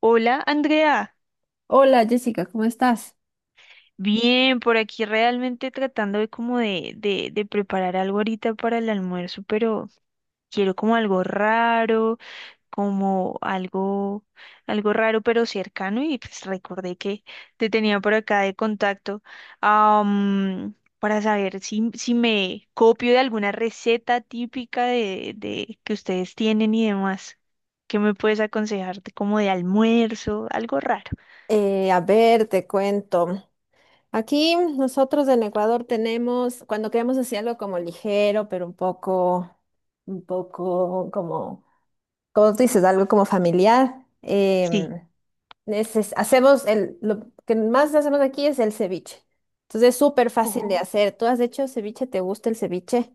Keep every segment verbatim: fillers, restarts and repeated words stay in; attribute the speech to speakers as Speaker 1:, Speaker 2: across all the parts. Speaker 1: Hola, Andrea.
Speaker 2: Hola, Jessica, ¿cómo estás?
Speaker 1: Bien, por aquí realmente tratando de como de, de, de preparar algo ahorita para el almuerzo, pero quiero como algo raro, como algo, algo raro pero cercano y pues recordé que te tenía por acá de contacto, am, para saber si, si me copio de alguna receta típica de, de que ustedes tienen y demás. ¿Qué me puedes aconsejarte como de almuerzo? Algo raro.
Speaker 2: Eh, a ver, te cuento. Aquí nosotros en Ecuador tenemos, cuando queremos hacer algo como ligero, pero un poco, un poco como, como tú dices, algo como familiar,
Speaker 1: Sí.
Speaker 2: em, neces- hacemos el, lo que más hacemos aquí es el ceviche. Entonces es súper fácil de hacer. ¿Tú has hecho ceviche? ¿Te gusta el ceviche?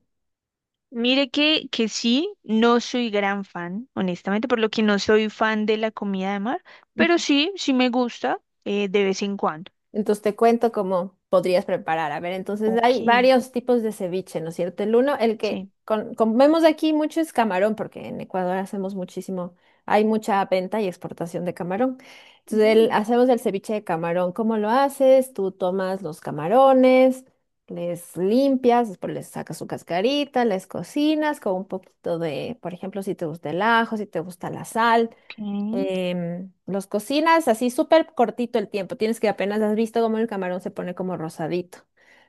Speaker 1: Mire que, que sí, no soy gran fan, honestamente, por lo que no soy fan de la comida de mar, pero sí, sí me gusta eh, de vez en cuando.
Speaker 2: Entonces te cuento cómo podrías preparar. A ver, entonces
Speaker 1: Ok,
Speaker 2: hay varios tipos de ceviche, ¿no es cierto? El uno, el que
Speaker 1: sí.
Speaker 2: con- comemos aquí mucho es camarón, porque en Ecuador hacemos muchísimo, hay mucha venta y exportación de camarón. Entonces el-
Speaker 1: Ujú,
Speaker 2: hacemos el ceviche de camarón. ¿Cómo lo haces? Tú tomas los camarones, les limpias, después les sacas su cascarita, les cocinas con un poquito de, por ejemplo, si te gusta el ajo, si te gusta la sal,
Speaker 1: ok.
Speaker 2: em, los cocinas así súper cortito el tiempo. Tienes que apenas has visto cómo el camarón se pone como rosadito.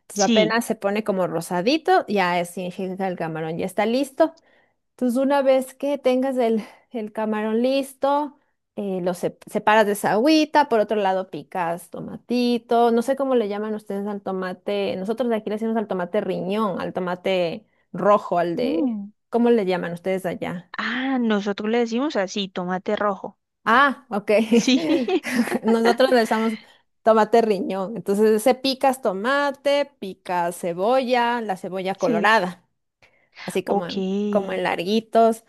Speaker 2: Entonces
Speaker 1: Sí.
Speaker 2: apenas se pone como rosadito, ya es- significa que el camarón ya está listo. Entonces una vez que tengas el, el camarón listo, eh, lo sep- separas de esa agüita. Por otro lado picas tomatito. No sé cómo le llaman ustedes al tomate. Nosotros de aquí le decimos al tomate riñón, al tomate rojo, al de...
Speaker 1: Mm.
Speaker 2: ¿Cómo le llaman ustedes allá?
Speaker 1: Ah, nosotros le decimos así, tomate rojo.
Speaker 2: Ah, ok.
Speaker 1: Sí,
Speaker 2: Nosotros le usamos tomate riñón. Entonces, se picas tomate, picas cebolla, la cebolla
Speaker 1: sí.
Speaker 2: colorada, así como
Speaker 1: Ok.
Speaker 2: en, como en larguitos,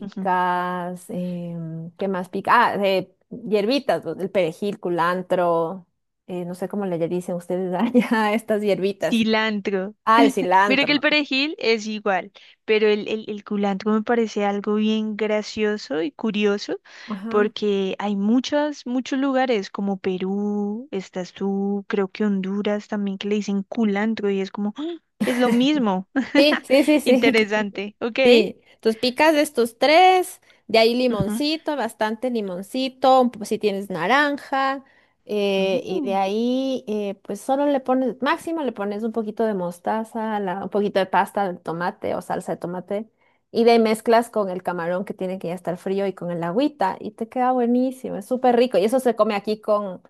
Speaker 1: Ujú.
Speaker 2: em, ¿qué más pica? Ah, eh, hierbitas, pues, el perejil, culantro, eh, no sé cómo le dicen ustedes allá a estas hierbitas.
Speaker 1: Cilantro.
Speaker 2: Ah, el
Speaker 1: Mira que el
Speaker 2: cilantro.
Speaker 1: perejil es igual, pero el, el, el culantro me parece algo bien gracioso y curioso
Speaker 2: Ajá.
Speaker 1: porque hay muchos, muchos lugares como Perú, estás tú, creo que Honduras también que le dicen culantro y es como, ¡ah! Es lo mismo.
Speaker 2: Sí, sí, sí, sí.
Speaker 1: Interesante, ¿ok?
Speaker 2: Sí, entonces picas de estos tres, de ahí
Speaker 1: Ujú.
Speaker 2: limoncito, bastante limoncito, un po- si tienes naranja, eh, y de
Speaker 1: Mm,
Speaker 2: ahí eh, pues solo le pones, máximo le pones un poquito de mostaza, la- un poquito de pasta de tomate o salsa de tomate, y de ahí mezclas con el camarón que tiene que ya estar frío y con el agüita, y te queda buenísimo, es súper rico, y eso se come aquí con,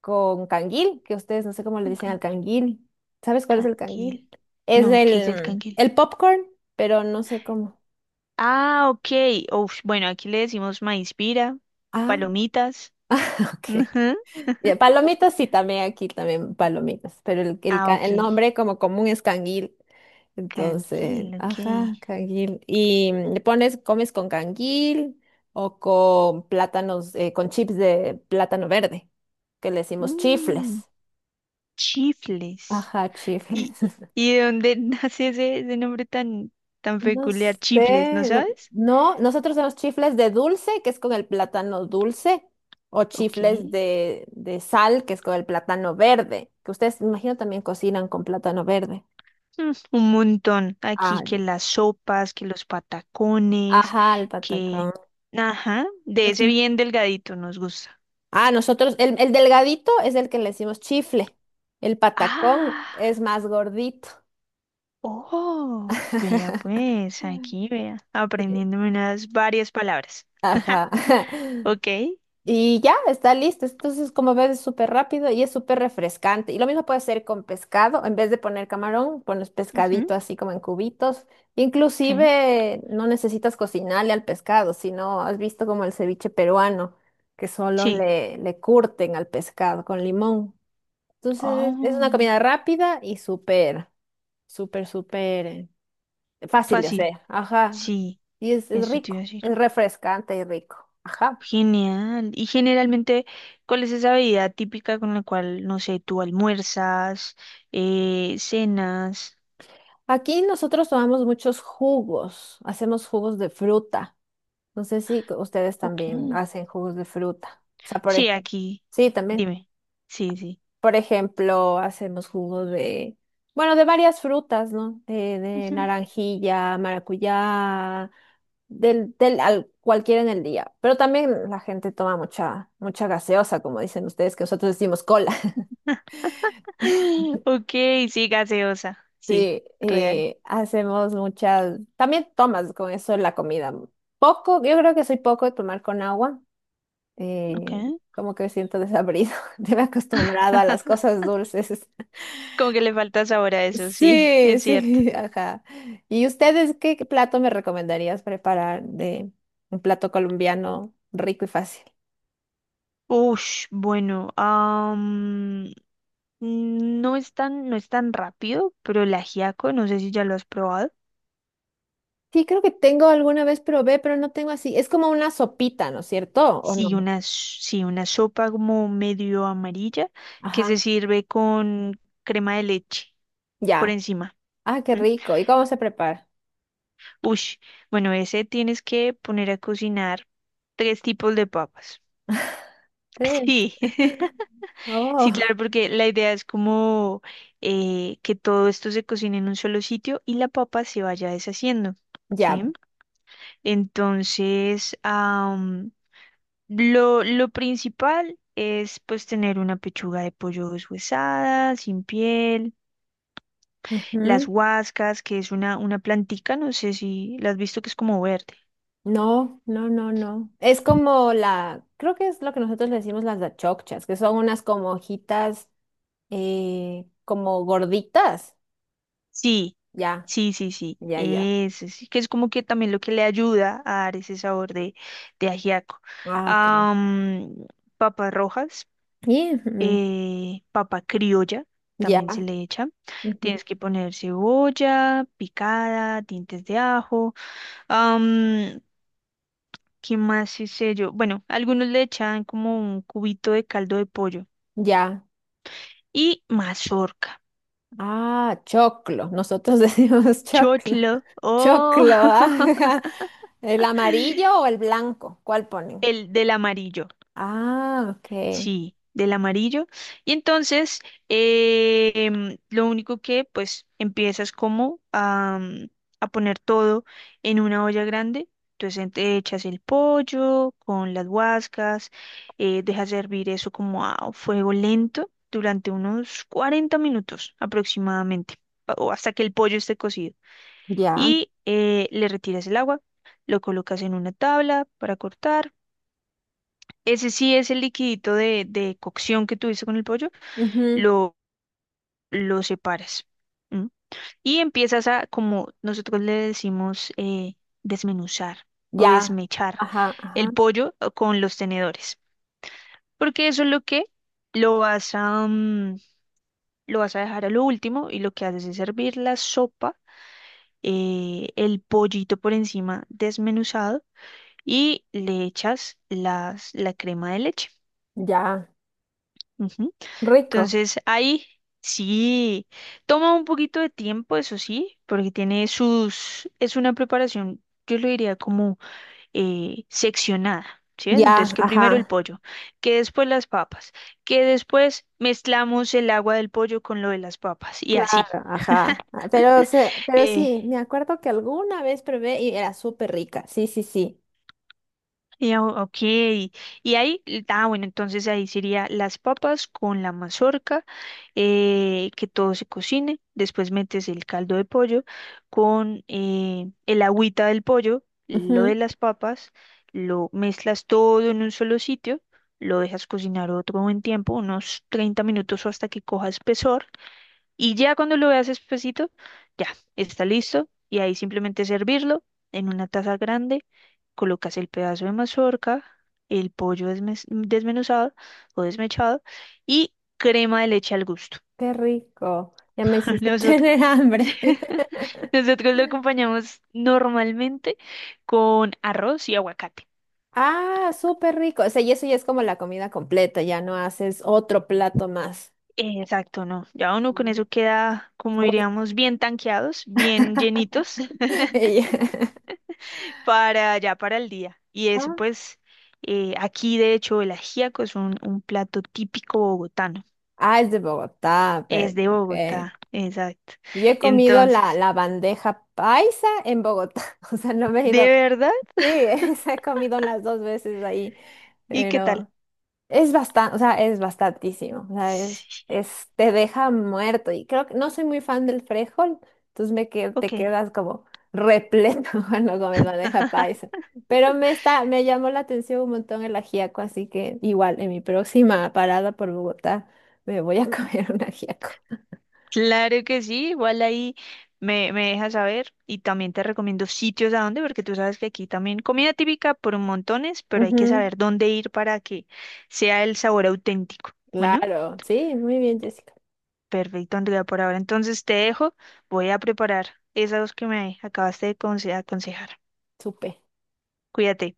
Speaker 2: con canguil, que ustedes no sé cómo le
Speaker 1: un
Speaker 2: dicen al
Speaker 1: canguil.
Speaker 2: canguil. ¿Sabes cuál es el
Speaker 1: Canquil.
Speaker 2: canguil? Es
Speaker 1: No, ¿qué es el
Speaker 2: el,
Speaker 1: canquil?
Speaker 2: el popcorn, pero no sé cómo.
Speaker 1: Ah, ok. Uf, bueno, aquí le decimos maíz pira,
Speaker 2: Ah,
Speaker 1: palomitas.
Speaker 2: ok. Ya, palomitas sí, también aquí también palomitas, pero el, el,
Speaker 1: Ah,
Speaker 2: ca-
Speaker 1: ok.
Speaker 2: el nombre como común es canguil. Entonces,
Speaker 1: Candil, ok.
Speaker 2: ajá, canguil. Y mm, le pones, comes con canguil o con plátanos, eh, con chips de plátano verde, que le decimos
Speaker 1: Mm,
Speaker 2: chifles.
Speaker 1: chifles.
Speaker 2: Ajá,
Speaker 1: ¿Y,
Speaker 2: chifles.
Speaker 1: y de dónde nace ese, ese nombre tan, tan
Speaker 2: No
Speaker 1: peculiar? Chifles, ¿no
Speaker 2: sé, no,
Speaker 1: sabes?
Speaker 2: no, nosotros tenemos chifles de dulce, que es con el plátano dulce, o chifles
Speaker 1: Ok.
Speaker 2: de, de sal, que es con el plátano verde, que ustedes, me imagino, también cocinan con plátano verde.
Speaker 1: Mm, un montón.
Speaker 2: Ah,
Speaker 1: Aquí que
Speaker 2: no.
Speaker 1: las sopas, que los patacones,
Speaker 2: Ajá, el
Speaker 1: que...
Speaker 2: patacón.
Speaker 1: Ajá, de ese
Speaker 2: Ujú.
Speaker 1: bien delgadito nos gusta.
Speaker 2: Ah, nosotros, el, el delgadito es el que le decimos chifle, el patacón
Speaker 1: Ah,
Speaker 2: es más gordito.
Speaker 1: oh, vea pues, aquí vea,
Speaker 2: Sí.
Speaker 1: aprendiéndome unas varias palabras.
Speaker 2: Ajá.
Speaker 1: Ok.
Speaker 2: Y ya, está listo. Entonces, como ves, es súper rápido y es súper refrescante. Y lo mismo puede hacer con pescado. En vez de poner camarón, pones
Speaker 1: Ujú,
Speaker 2: pescadito así como en cubitos.
Speaker 1: sí.
Speaker 2: Inclusive no necesitas cocinarle al pescado, sino has visto como el ceviche peruano, que solo
Speaker 1: Sí.
Speaker 2: le, le curten al pescado con limón. Entonces, es una
Speaker 1: Oh,
Speaker 2: comida rápida y súper, súper, súper eh, fácil de
Speaker 1: fácil.
Speaker 2: hacer. Ajá.
Speaker 1: Sí,
Speaker 2: Y es, es
Speaker 1: eso te iba a
Speaker 2: rico,
Speaker 1: decir.
Speaker 2: es refrescante y rico. Ajá.
Speaker 1: Genial. Y generalmente, ¿cuál es esa bebida típica con la cual, no sé, tú almuerzas, eh, cenas?
Speaker 2: Aquí nosotros tomamos muchos jugos, hacemos jugos de fruta. No sé si c- ustedes
Speaker 1: Ok.
Speaker 2: también hacen jugos de fruta. O sea, por
Speaker 1: Sí,
Speaker 2: ejemplo,
Speaker 1: aquí.
Speaker 2: sí, también.
Speaker 1: Dime. Sí, sí.
Speaker 2: Por ejemplo, hacemos jugos de, bueno, de varias frutas, ¿no? De, de
Speaker 1: Ujú.
Speaker 2: naranjilla, maracuyá, del, del al, cualquiera en el día. Pero también la gente toma mucha, mucha gaseosa, como dicen ustedes, que nosotros decimos cola.
Speaker 1: Ok, sí, gaseosa. Sí,
Speaker 2: Sí,
Speaker 1: real.
Speaker 2: eh, hacemos muchas, también tomas con eso la comida. Poco, yo creo que soy poco de tomar con agua,
Speaker 1: Ok.
Speaker 2: eh, como que me siento desabrido, me he acostumbrado a las cosas dulces.
Speaker 1: Como que le falta sabor a eso, sí,
Speaker 2: Sí,
Speaker 1: es cierto.
Speaker 2: sí, ajá. ¿Y ustedes qué plato me recomendarías preparar de un plato colombiano rico y fácil?
Speaker 1: Ush, bueno, no es tan, no es tan rápido, pero el ajiaco, no sé si ya lo has probado.
Speaker 2: Sí, creo que tengo alguna vez probé, pero no tengo así. Es como una sopita, ¿no es cierto? ¿O no?
Speaker 1: Sí, una, s- sí, una sopa como medio amarilla que
Speaker 2: Ajá,
Speaker 1: se sirve con crema de leche por
Speaker 2: ya.
Speaker 1: encima.
Speaker 2: Ah, qué
Speaker 1: ¿M?
Speaker 2: rico. ¿Y cómo se prepara?
Speaker 1: Ush, bueno, ese tienes que poner a cocinar tres tipos de papas.
Speaker 2: Tres.
Speaker 1: Sí, sí, claro,
Speaker 2: Oh,
Speaker 1: porque la idea es como eh, que todo esto se cocine en un solo sitio y la papa se vaya deshaciendo,
Speaker 2: ya.
Speaker 1: ¿sí? Entonces, Lo, lo principal es pues tener una pechuga de pollo deshuesada, sin piel, las
Speaker 2: Ujú.
Speaker 1: huascas, que es una, una plantica, no sé si la has visto que es como verde.
Speaker 2: No, no, no, no. Es como la, creo que es lo que nosotros le decimos las dachocchas, que son unas como hojitas, eh, como gorditas.
Speaker 1: Sí,
Speaker 2: Ya,
Speaker 1: sí, sí, sí.
Speaker 2: ya, ya.
Speaker 1: Ese sí, que es como que también lo que le ayuda a dar ese sabor de, de ajiaco.
Speaker 2: Ah, ok.
Speaker 1: Am, papas rojas,
Speaker 2: Y, mm,
Speaker 1: eh, papa criolla,
Speaker 2: ya,
Speaker 1: también se le echa.
Speaker 2: ujú,
Speaker 1: Tienes que poner cebolla picada, dientes de ajo. am, ¿qué más hice yo? Bueno, algunos le echan como un cubito de caldo de pollo
Speaker 2: ya.
Speaker 1: y mazorca.
Speaker 2: Ah, choclo. Nosotros decimos choclo.
Speaker 1: Chotlo,
Speaker 2: Choclo,
Speaker 1: oh,
Speaker 2: ajá. ¿El amarillo o el blanco? ¿Cuál ponen?
Speaker 1: el del amarillo.
Speaker 2: Ah, ok.
Speaker 1: Sí, del amarillo. Y entonces, em, lo único que pues empiezas como a, mm, a poner todo en una olla grande. Entonces en- te echas el pollo con las guascas, eh, dejas hervir eso como a fuego lento durante unos cuarenta minutos aproximadamente, pa- o hasta que el pollo esté cocido.
Speaker 2: Ya.
Speaker 1: Y eh, le retiras el agua, lo colocas en una tabla para cortar, ese sí es el liquidito de, de cocción que tuviste con el pollo,
Speaker 2: Ujú.
Speaker 1: lo, lo separas. ¿M? Y empiezas a, como nosotros le decimos, eh, desmenuzar o
Speaker 2: Ya,
Speaker 1: desmechar
Speaker 2: ajá, ajá,
Speaker 1: el pollo eh, con los tenedores. Porque eso es lo que lo vas a, mm, lo vas a dejar a lo último, y lo que haces es servir la sopa, eh, el pollito por encima desmenuzado, y le echas las, la crema de leche.
Speaker 2: ya,
Speaker 1: Ujú.
Speaker 2: rico,
Speaker 1: Entonces, ahí sí, toma un poquito de tiempo, eso sí, porque tiene sus, es una preparación, yo lo diría como eh, seccionada, ¿sí ves? Entonces,
Speaker 2: ya,
Speaker 1: que
Speaker 2: ajá,
Speaker 1: primero el pollo, que después las papas, que después mezclamos el agua del pollo con lo de las papas y así.
Speaker 2: claro, ajá. Ah, Pero, se, pero
Speaker 1: Eh,
Speaker 2: sí, me acuerdo que alguna vez probé y era súper rica, sí, sí, sí.
Speaker 1: Y, ah, ok, y ahí, ah, bueno, entonces ahí sería las papas con la mazorca, eh, que todo se cocine, después metes el caldo de pollo con eh, el agüita del pollo, lo de
Speaker 2: Ujú.
Speaker 1: las papas, lo mezclas todo en un solo sitio, lo dejas cocinar otro buen tiempo, unos treinta minutos o hasta que coja espesor, y ya cuando lo veas espesito, ya está listo. Y ahí simplemente servirlo en una taza grande. Colocas el pedazo de mazorca, el pollo desmes- desmenuzado o desmechado, y crema de leche al gusto.
Speaker 2: Qué rico, ya me hiciste
Speaker 1: Nosotros,
Speaker 2: tener hambre.
Speaker 1: nosotros lo acompañamos normalmente con arroz y aguacate.
Speaker 2: Ah, súper rico, o sea, y eso ya es como la comida completa, ya no haces otro plato más.
Speaker 1: Exacto, no. Ya uno con
Speaker 2: Mm.
Speaker 1: eso queda, como diríamos, bien tanqueados, bien llenitos.
Speaker 2: Ya.
Speaker 1: Para ya para el día. Y eso
Speaker 2: Ah,
Speaker 1: pues, eh, aquí de hecho el ajiaco es un, un plato típico bogotano.
Speaker 2: ah, es de Bogotá, pero,
Speaker 1: Es de
Speaker 2: ok.
Speaker 1: Bogotá, exacto.
Speaker 2: Yo he comido la,
Speaker 1: Entonces,
Speaker 2: la bandeja paisa en Bogotá, o sea, no me he
Speaker 1: ¿de
Speaker 2: ido.
Speaker 1: verdad?
Speaker 2: Sí, esa he comido las dos veces ahí,
Speaker 1: ¿Y qué tal?
Speaker 2: pero es bastante, o sea, es bastantísimo, o sea, es,
Speaker 1: Sí,
Speaker 2: es- te deja muerto y creo que no soy muy fan del frijol, entonces me que,
Speaker 1: ok,
Speaker 2: te quedas como repleto cuando comes bandeja paisa, pero me está, me llamó la atención un montón el ajiaco, así que igual en mi próxima parada por Bogotá me voy a comer un ajiaco.
Speaker 1: claro que sí, igual ahí me, me dejas saber, y también te recomiendo sitios a dónde, porque tú sabes que aquí también comida típica por montones, pero hay que
Speaker 2: Ujú.
Speaker 1: saber dónde ir para que sea el sabor auténtico. Bueno.
Speaker 2: Claro, sí, muy bien, Jessica.
Speaker 1: Perfecto, Andrea, por ahora. Entonces te dejo, voy a preparar esas dos que me acabaste de conse- aconsejar.
Speaker 2: Supe.
Speaker 1: Cuídate.